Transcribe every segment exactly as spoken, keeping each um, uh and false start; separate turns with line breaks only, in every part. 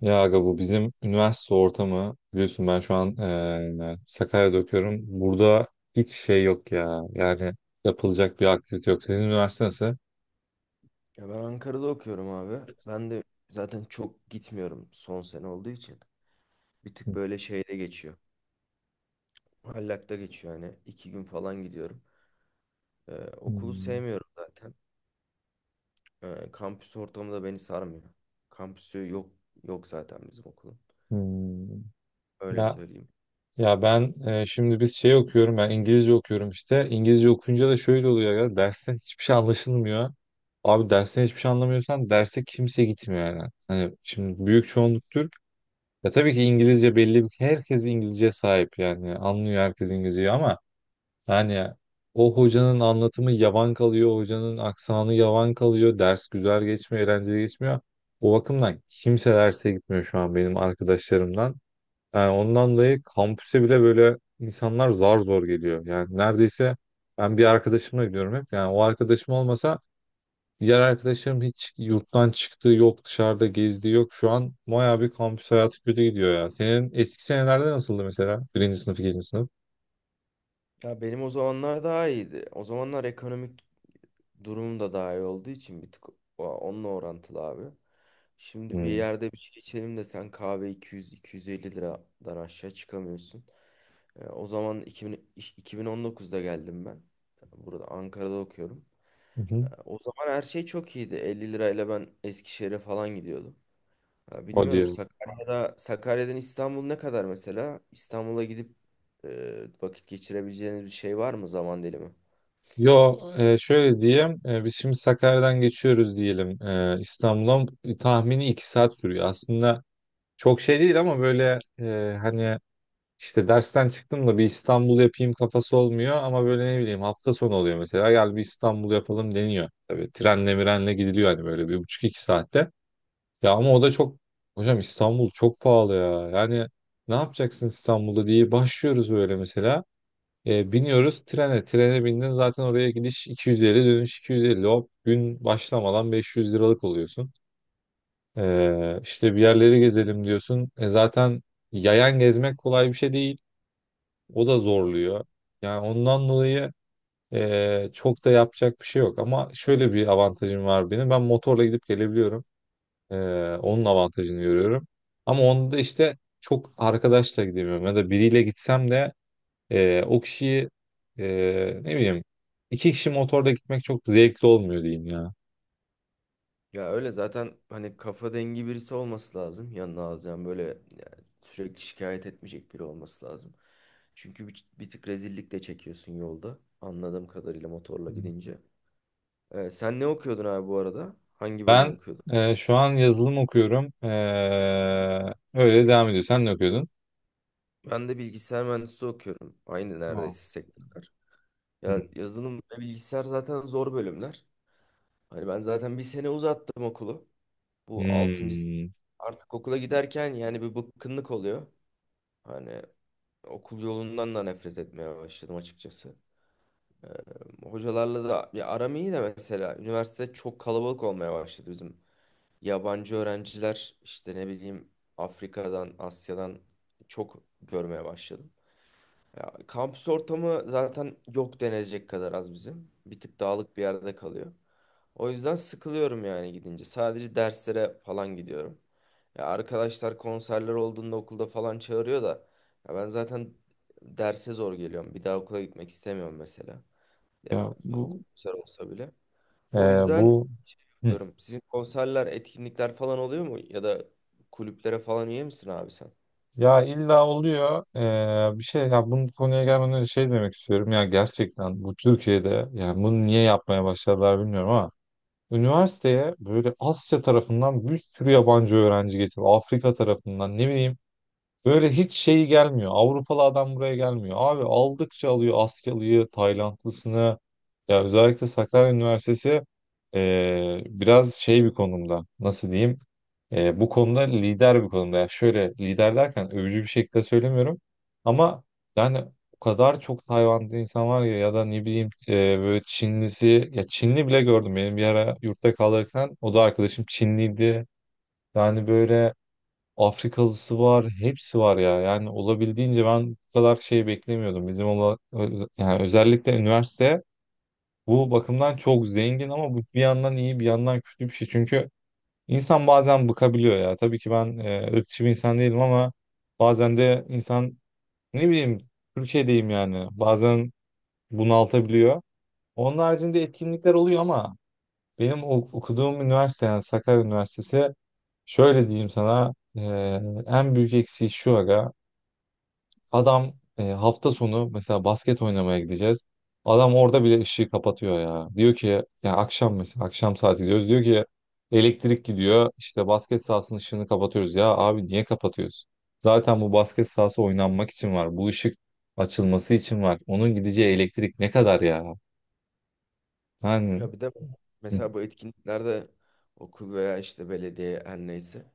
Ya aga, bu bizim üniversite ortamı biliyorsun, ben şu an eee Sakarya'da okuyorum. Burada hiç şey yok ya. Yani yapılacak bir aktivite yok. Senin üniversite nasıl?
Ya ben Ankara'da okuyorum abi. Ben de zaten çok gitmiyorum son sene olduğu için. Bir tık böyle şeyde geçiyor. Hallak'ta geçiyor yani. iki gün falan gidiyorum. Ee, Okulu
Hmm,
sevmiyorum zaten. Ee, kampüs ortamı da beni sarmıyor. Kampüsü yok yok zaten bizim okulun.
hmm.
Öyle
Ya
söyleyeyim.
ya ben eee, şimdi biz şey okuyorum. Ben İngilizce okuyorum işte. İngilizce okuyunca da şöyle oluyor ya. Dersten hiçbir şey anlaşılmıyor. Abi dersten hiçbir şey anlamıyorsan derse kimse gitmiyor yani. Hani şimdi büyük çoğunluk Türk. Ya tabii ki İngilizce belli bir herkes İngilizce sahip yani anlıyor herkes İngilizceyi, ama Yani o hocanın anlatımı yavan kalıyor, hocanın aksanı yavan kalıyor, ders güzel geçmiyor, eğlenceli geçmiyor. O bakımdan kimse derse gitmiyor şu an benim arkadaşlarımdan. Yani ondan dolayı kampüse bile böyle insanlar zar zor geliyor. Yani neredeyse ben bir arkadaşımla gidiyorum hep. Yani o arkadaşım olmasa diğer arkadaşlarım hiç yurttan çıktığı yok, dışarıda gezdiği yok. Şu an bayağı bir kampüs hayatı kötü gidiyor ya. Senin eski senelerde nasıldı mesela? Birinci sınıf, ikinci sınıf.
Ya benim o zamanlar daha iyiydi. O zamanlar ekonomik durum da daha iyi olduğu için bir tık o- onunla orantılı abi. Şimdi bir
Hmm.
yerde bir şey içelim de sen kahve iki yüz iki yüz elli liradan aşağı çıkamıyorsun. Ee, o zaman iki bin, iş- iki bin on dokuzda geldim ben. Burada Ankara'da okuyorum.
Hı
Ee,
hı.
o zaman her şey çok iyiydi. elli lirayla ben Eskişehir'e falan gidiyordum. Ya
Hadi
bilmiyorum
ya.
Sakarya'da Sakarya'dan İstanbul ne kadar mesela? İstanbul'a gidip e, vakit geçirebileceğiniz bir şey var mı zaman dilimi?
Yo, e, şöyle diyeyim. E, biz şimdi Sakarya'dan geçiyoruz diyelim, e, İstanbul'a. Tahmini iki saat sürüyor. Aslında çok şey değil, ama böyle, e, hani işte dersten çıktım da bir İstanbul yapayım kafası olmuyor. Ama böyle ne bileyim hafta sonu oluyor mesela. Gel bir İstanbul yapalım deniyor. Tabii trenle mirenle gidiliyor hani böyle bir buçuk iki saatte. Ya ama o da çok, hocam İstanbul çok pahalı ya. Yani ne yapacaksın İstanbul'da diye başlıyoruz böyle mesela. E, biniyoruz trene. Trene bindin zaten, oraya gidiş iki yüz elli dönüş iki yüz elli. Hop gün başlamadan beş yüz liralık oluyorsun. E, işte bir yerleri gezelim diyorsun. E, zaten yayan gezmek kolay bir şey değil. O da zorluyor. Yani ondan dolayı, e, çok da yapacak bir şey yok. Ama şöyle bir avantajım var benim. Ben motorla gidip gelebiliyorum. E, Onun avantajını görüyorum. Ama onda da işte çok arkadaşla gidemiyorum. Ya da biriyle gitsem de, ee, o kişiyi, e, ne bileyim, iki kişi motorda gitmek çok zevkli olmuyor diyeyim ya.
Ya öyle zaten hani kafa dengi birisi olması lazım. Yanına alacağım böyle yani sürekli şikayet etmeyecek biri olması lazım. Çünkü bir, bir tık rezillik de çekiyorsun yolda. Anladığım kadarıyla motorla gidince. Ee, sen ne okuyordun abi bu arada? Hangi bölüm
Ben
okuyordun?
e, şu an yazılım okuyorum. Ee, öyle devam ediyor. Sen ne okuyordun?
Ben de bilgisayar mühendisliği okuyorum. Aynı
Aa.
neredeyse sektörler. Ya
Hmm.
yazılım ve bilgisayar zaten zor bölümler. Hani ben zaten bir sene uzattım okulu. Bu altıncı
Hmm.
Artık okula giderken yani bir bıkkınlık oluyor. Hani okul yolundan da nefret etmeye başladım açıkçası. Ee, Hocalarla da ya aram iyi de mesela üniversite çok kalabalık olmaya başladı bizim. Yabancı öğrenciler işte ne bileyim Afrika'dan, Asya'dan çok görmeye başladım. Ya, kampüs ortamı zaten yok denecek kadar az bizim. Bir tık dağlık bir yerde kalıyor. O yüzden sıkılıyorum yani gidince. Sadece derslere falan gidiyorum. Ya arkadaşlar konserler olduğunda okulda falan çağırıyor da ya ben zaten derse zor geliyorum. Bir daha okula gitmek istemiyorum mesela. Ya
Ya
bir
bu,
konser olsa bile.
e,
O yüzden
bu... Hı.
diyorum. Sizin konserler, etkinlikler falan oluyor mu? Ya da kulüplere falan üye misin abi sen?
Ya illa oluyor. E, bir şey ya, bunun konuya gelmeden önce şey demek istiyorum ya, gerçekten bu Türkiye'de, yani bunu niye yapmaya başladılar bilmiyorum ama... Üniversiteye böyle Asya tarafından bir sürü yabancı öğrenci getiriyor. Afrika tarafından, ne bileyim. Böyle hiç şey gelmiyor. Avrupalı adam buraya gelmiyor. Abi aldıkça alıyor Asyalı'yı, Taylandlısını. Ya özellikle Sakarya Üniversitesi eee, biraz şey bir konumda. Nasıl diyeyim? E, bu konuda lider bir konuda. Yani şöyle lider derken övücü bir şekilde söylemiyorum. Ama yani o kadar çok Tayvan'da insan var ya, ya da ne bileyim, e, böyle Çinlisi, ya Çinli bile gördüm. Benim bir ara yurtta kalırken o da arkadaşım Çinliydi. Yani böyle Afrikalısı var, hepsi var ya. Yani olabildiğince ben bu kadar şey beklemiyordum. Bizim ola, ö- yani özellikle üniversite bu bakımdan çok zengin, ama bu bir yandan iyi bir yandan kötü bir şey. Çünkü İnsan bazen bıkabiliyor ya. Tabii ki ben e, ırkçı bir insan değilim, ama bazen de insan, ne bileyim, Türkiye'deyim yani. Bazen bunaltabiliyor. Onun haricinde etkinlikler oluyor, ama benim o- okuduğum üniversite, yani Sakarya Üniversitesi, şöyle diyeyim sana, e, en büyük eksiği şu aga. Adam, e, hafta sonu mesela basket oynamaya gideceğiz. Adam orada bile ışığı kapatıyor ya. Diyor ki yani akşam, mesela akşam saati diyoruz. Diyor ki elektrik gidiyor. İşte basket sahasının ışığını kapatıyoruz. Ya abi niye kapatıyoruz? Zaten bu basket sahası oynanmak için var. Bu ışık açılması için var. Onun gideceği elektrik ne kadar ya? Yani...
Ya bir de
hı,
mesela bu etkinliklerde okul veya işte belediye her neyse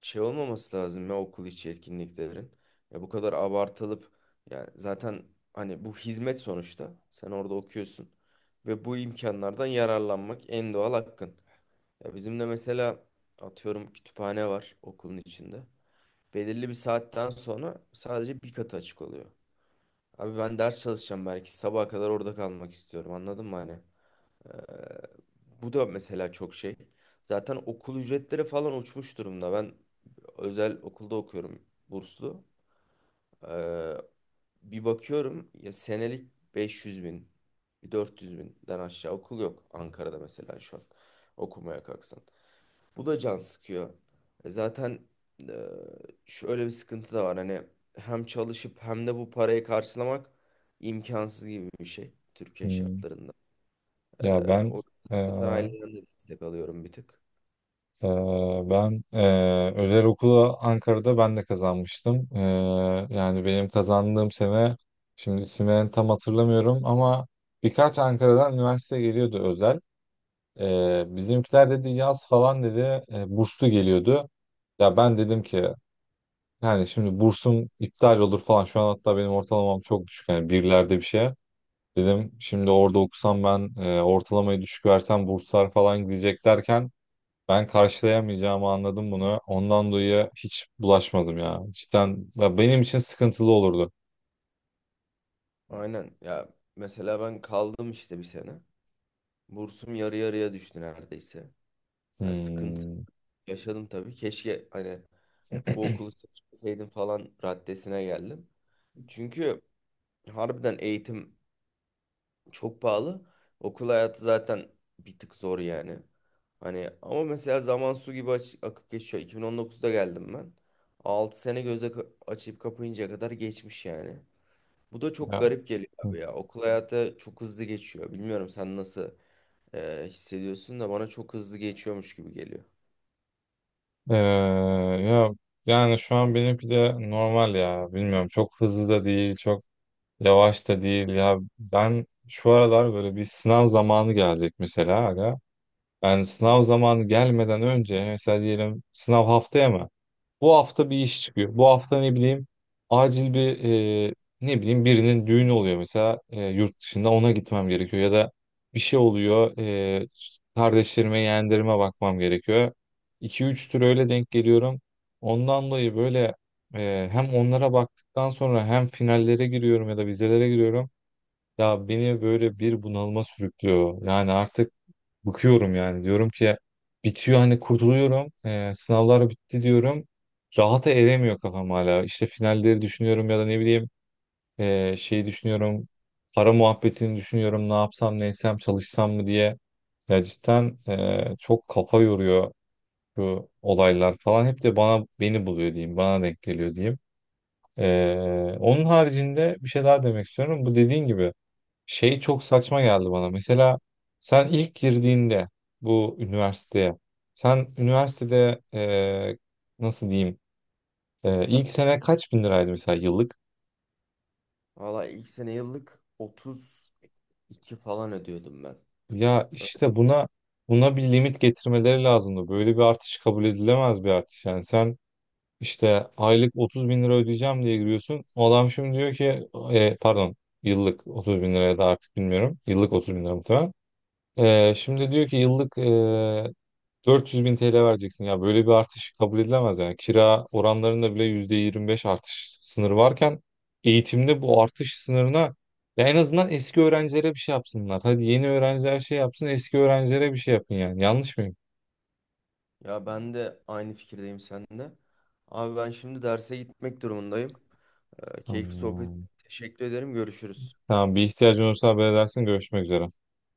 şey olmaması lazım ya okul içi etkinliklerin. Ya bu kadar abartılıp yani zaten hani bu hizmet sonuçta sen orada okuyorsun ve bu imkanlardan yararlanmak en doğal hakkın. Ya bizim de mesela atıyorum kütüphane var okulun içinde. Belirli bir saatten sonra sadece bir katı açık oluyor. Abi ben ders çalışacağım belki sabaha kadar orada kalmak istiyorum anladın mı hani? Ee, Bu da mesela çok şey. Zaten okul ücretleri falan uçmuş durumda. Ben özel okulda okuyorum burslu. Ee, Bir bakıyorum ya senelik beş yüz bin, dört yüz binden aşağı okul yok Ankara'da mesela şu an okumaya kalksan. Bu da can sıkıyor. E Zaten e, şöyle bir sıkıntı da var. Hani hem çalışıp hem de bu parayı karşılamak imkansız gibi bir şey Türkiye
hı.
şartlarında. Ee,
ya ben
O zaten aileden de destek alıyorum bir tık.
Ee, Ben e, özel okulu Ankara'da ben de kazanmıştım. Ee, yani benim kazandığım sene, şimdi isimlerini tam hatırlamıyorum ama, birkaç Ankara'dan üniversite geliyordu özel. Ee, bizimkiler dedi yaz falan dedi, e, burslu geliyordu. Ya ben dedim ki yani şimdi bursum iptal olur falan. Şu an hatta benim ortalamam çok düşük. Yani birlerde bir şey. Dedim şimdi orada okusam ben, e, ortalamayı düşük versem burslar falan gidecek derken ben karşılayamayacağımı anladım bunu. Ondan dolayı hiç bulaşmadım ya. Cidden ya benim için sıkıntılı olurdu.
Aynen ya mesela ben kaldım işte bir sene. Bursum yarı yarıya düştü neredeyse. Yani sıkıntı
Hmm,
yaşadım tabii. Keşke hani bu okulu seçmeseydim falan raddesine geldim. Çünkü harbiden eğitim çok pahalı. Okul hayatı zaten bir tık zor yani. Hani ama mesela zaman su gibi aç- akıp geçiyor. iki bin on dokuzda geldim ben. Altı sene göze ka- açıp kapayıncaya kadar geçmiş yani. Bu da çok
ya.
garip geliyor abi ya. Okul hayatı çok hızlı geçiyor. Bilmiyorum sen nasıl e, hissediyorsun da bana çok hızlı geçiyormuş gibi geliyor.
Ee, ya yani şu an benimki de normal ya. Bilmiyorum, çok hızlı da değil, çok yavaş da değil. Ya ben şu aralar böyle bir sınav zamanı gelecek mesela. Yani
Hı.
sınav zamanı gelmeden önce mesela diyelim, sınav haftaya mı? Bu hafta bir iş çıkıyor. Bu hafta ne bileyim, acil bir, e, ne bileyim, birinin düğünü oluyor mesela, e, yurt dışında, ona gitmem gerekiyor; ya da bir şey oluyor, e, kardeşlerime yeğenlerime bakmam gerekiyor. iki üç tür öyle denk geliyorum. Ondan dolayı böyle, e, hem onlara baktıktan sonra hem finallere giriyorum ya da vizelere giriyorum. Ya beni böyle bir bunalıma sürüklüyor. Yani artık bıkıyorum yani. Diyorum ki bitiyor hani, kurtuluyorum. Ee, sınavlar bitti diyorum. Rahata eremiyor kafam hala. İşte finalleri düşünüyorum, ya da ne bileyim, ee, şeyi düşünüyorum. Para muhabbetini düşünüyorum. Ne yapsam, ne etsem, çalışsam mı diye. Ya cidden, eee, çok kafa yoruyor bu olaylar falan. Hep de bana, beni buluyor diyeyim. Bana denk geliyor diyeyim. Eee, onun haricinde bir şey daha demek istiyorum. Bu dediğin gibi şey çok saçma geldi bana. Mesela sen ilk girdiğinde bu üniversiteye, sen üniversitede, e, nasıl diyeyim, e, ilk sene kaç bin liraydı mesela yıllık?
Valla ilk sene yıllık otuz iki falan ödüyordum ben.
Ya işte buna buna bir limit getirmeleri lazımdı. Böyle bir artış kabul edilemez bir artış. Yani sen işte aylık otuz bin lira ödeyeceğim diye giriyorsun. O adam şimdi diyor ki, e, pardon, yıllık otuz bin liraya da artık bilmiyorum. Yıllık otuz bin lira muhtemelen. E, şimdi diyor ki yıllık dört yüz bin lira vereceksin ya, böyle bir artış kabul edilemez. Yani kira oranlarında bile yüzde yirmi beş artış sınırı varken eğitimde bu artış sınırına, ya en azından eski öğrencilere bir şey yapsınlar. Hadi yeni öğrenciler şey yapsın, eski öğrencilere bir şey yapın, yani yanlış mıyım?
Ya ben de aynı fikirdeyim seninle. Abi ben şimdi derse gitmek durumundayım. E, keyifli sohbet.
Tamam.
Teşekkür ederim. Görüşürüz.
Tamam, bir ihtiyacın olursa haber edersin. Görüşmek üzere.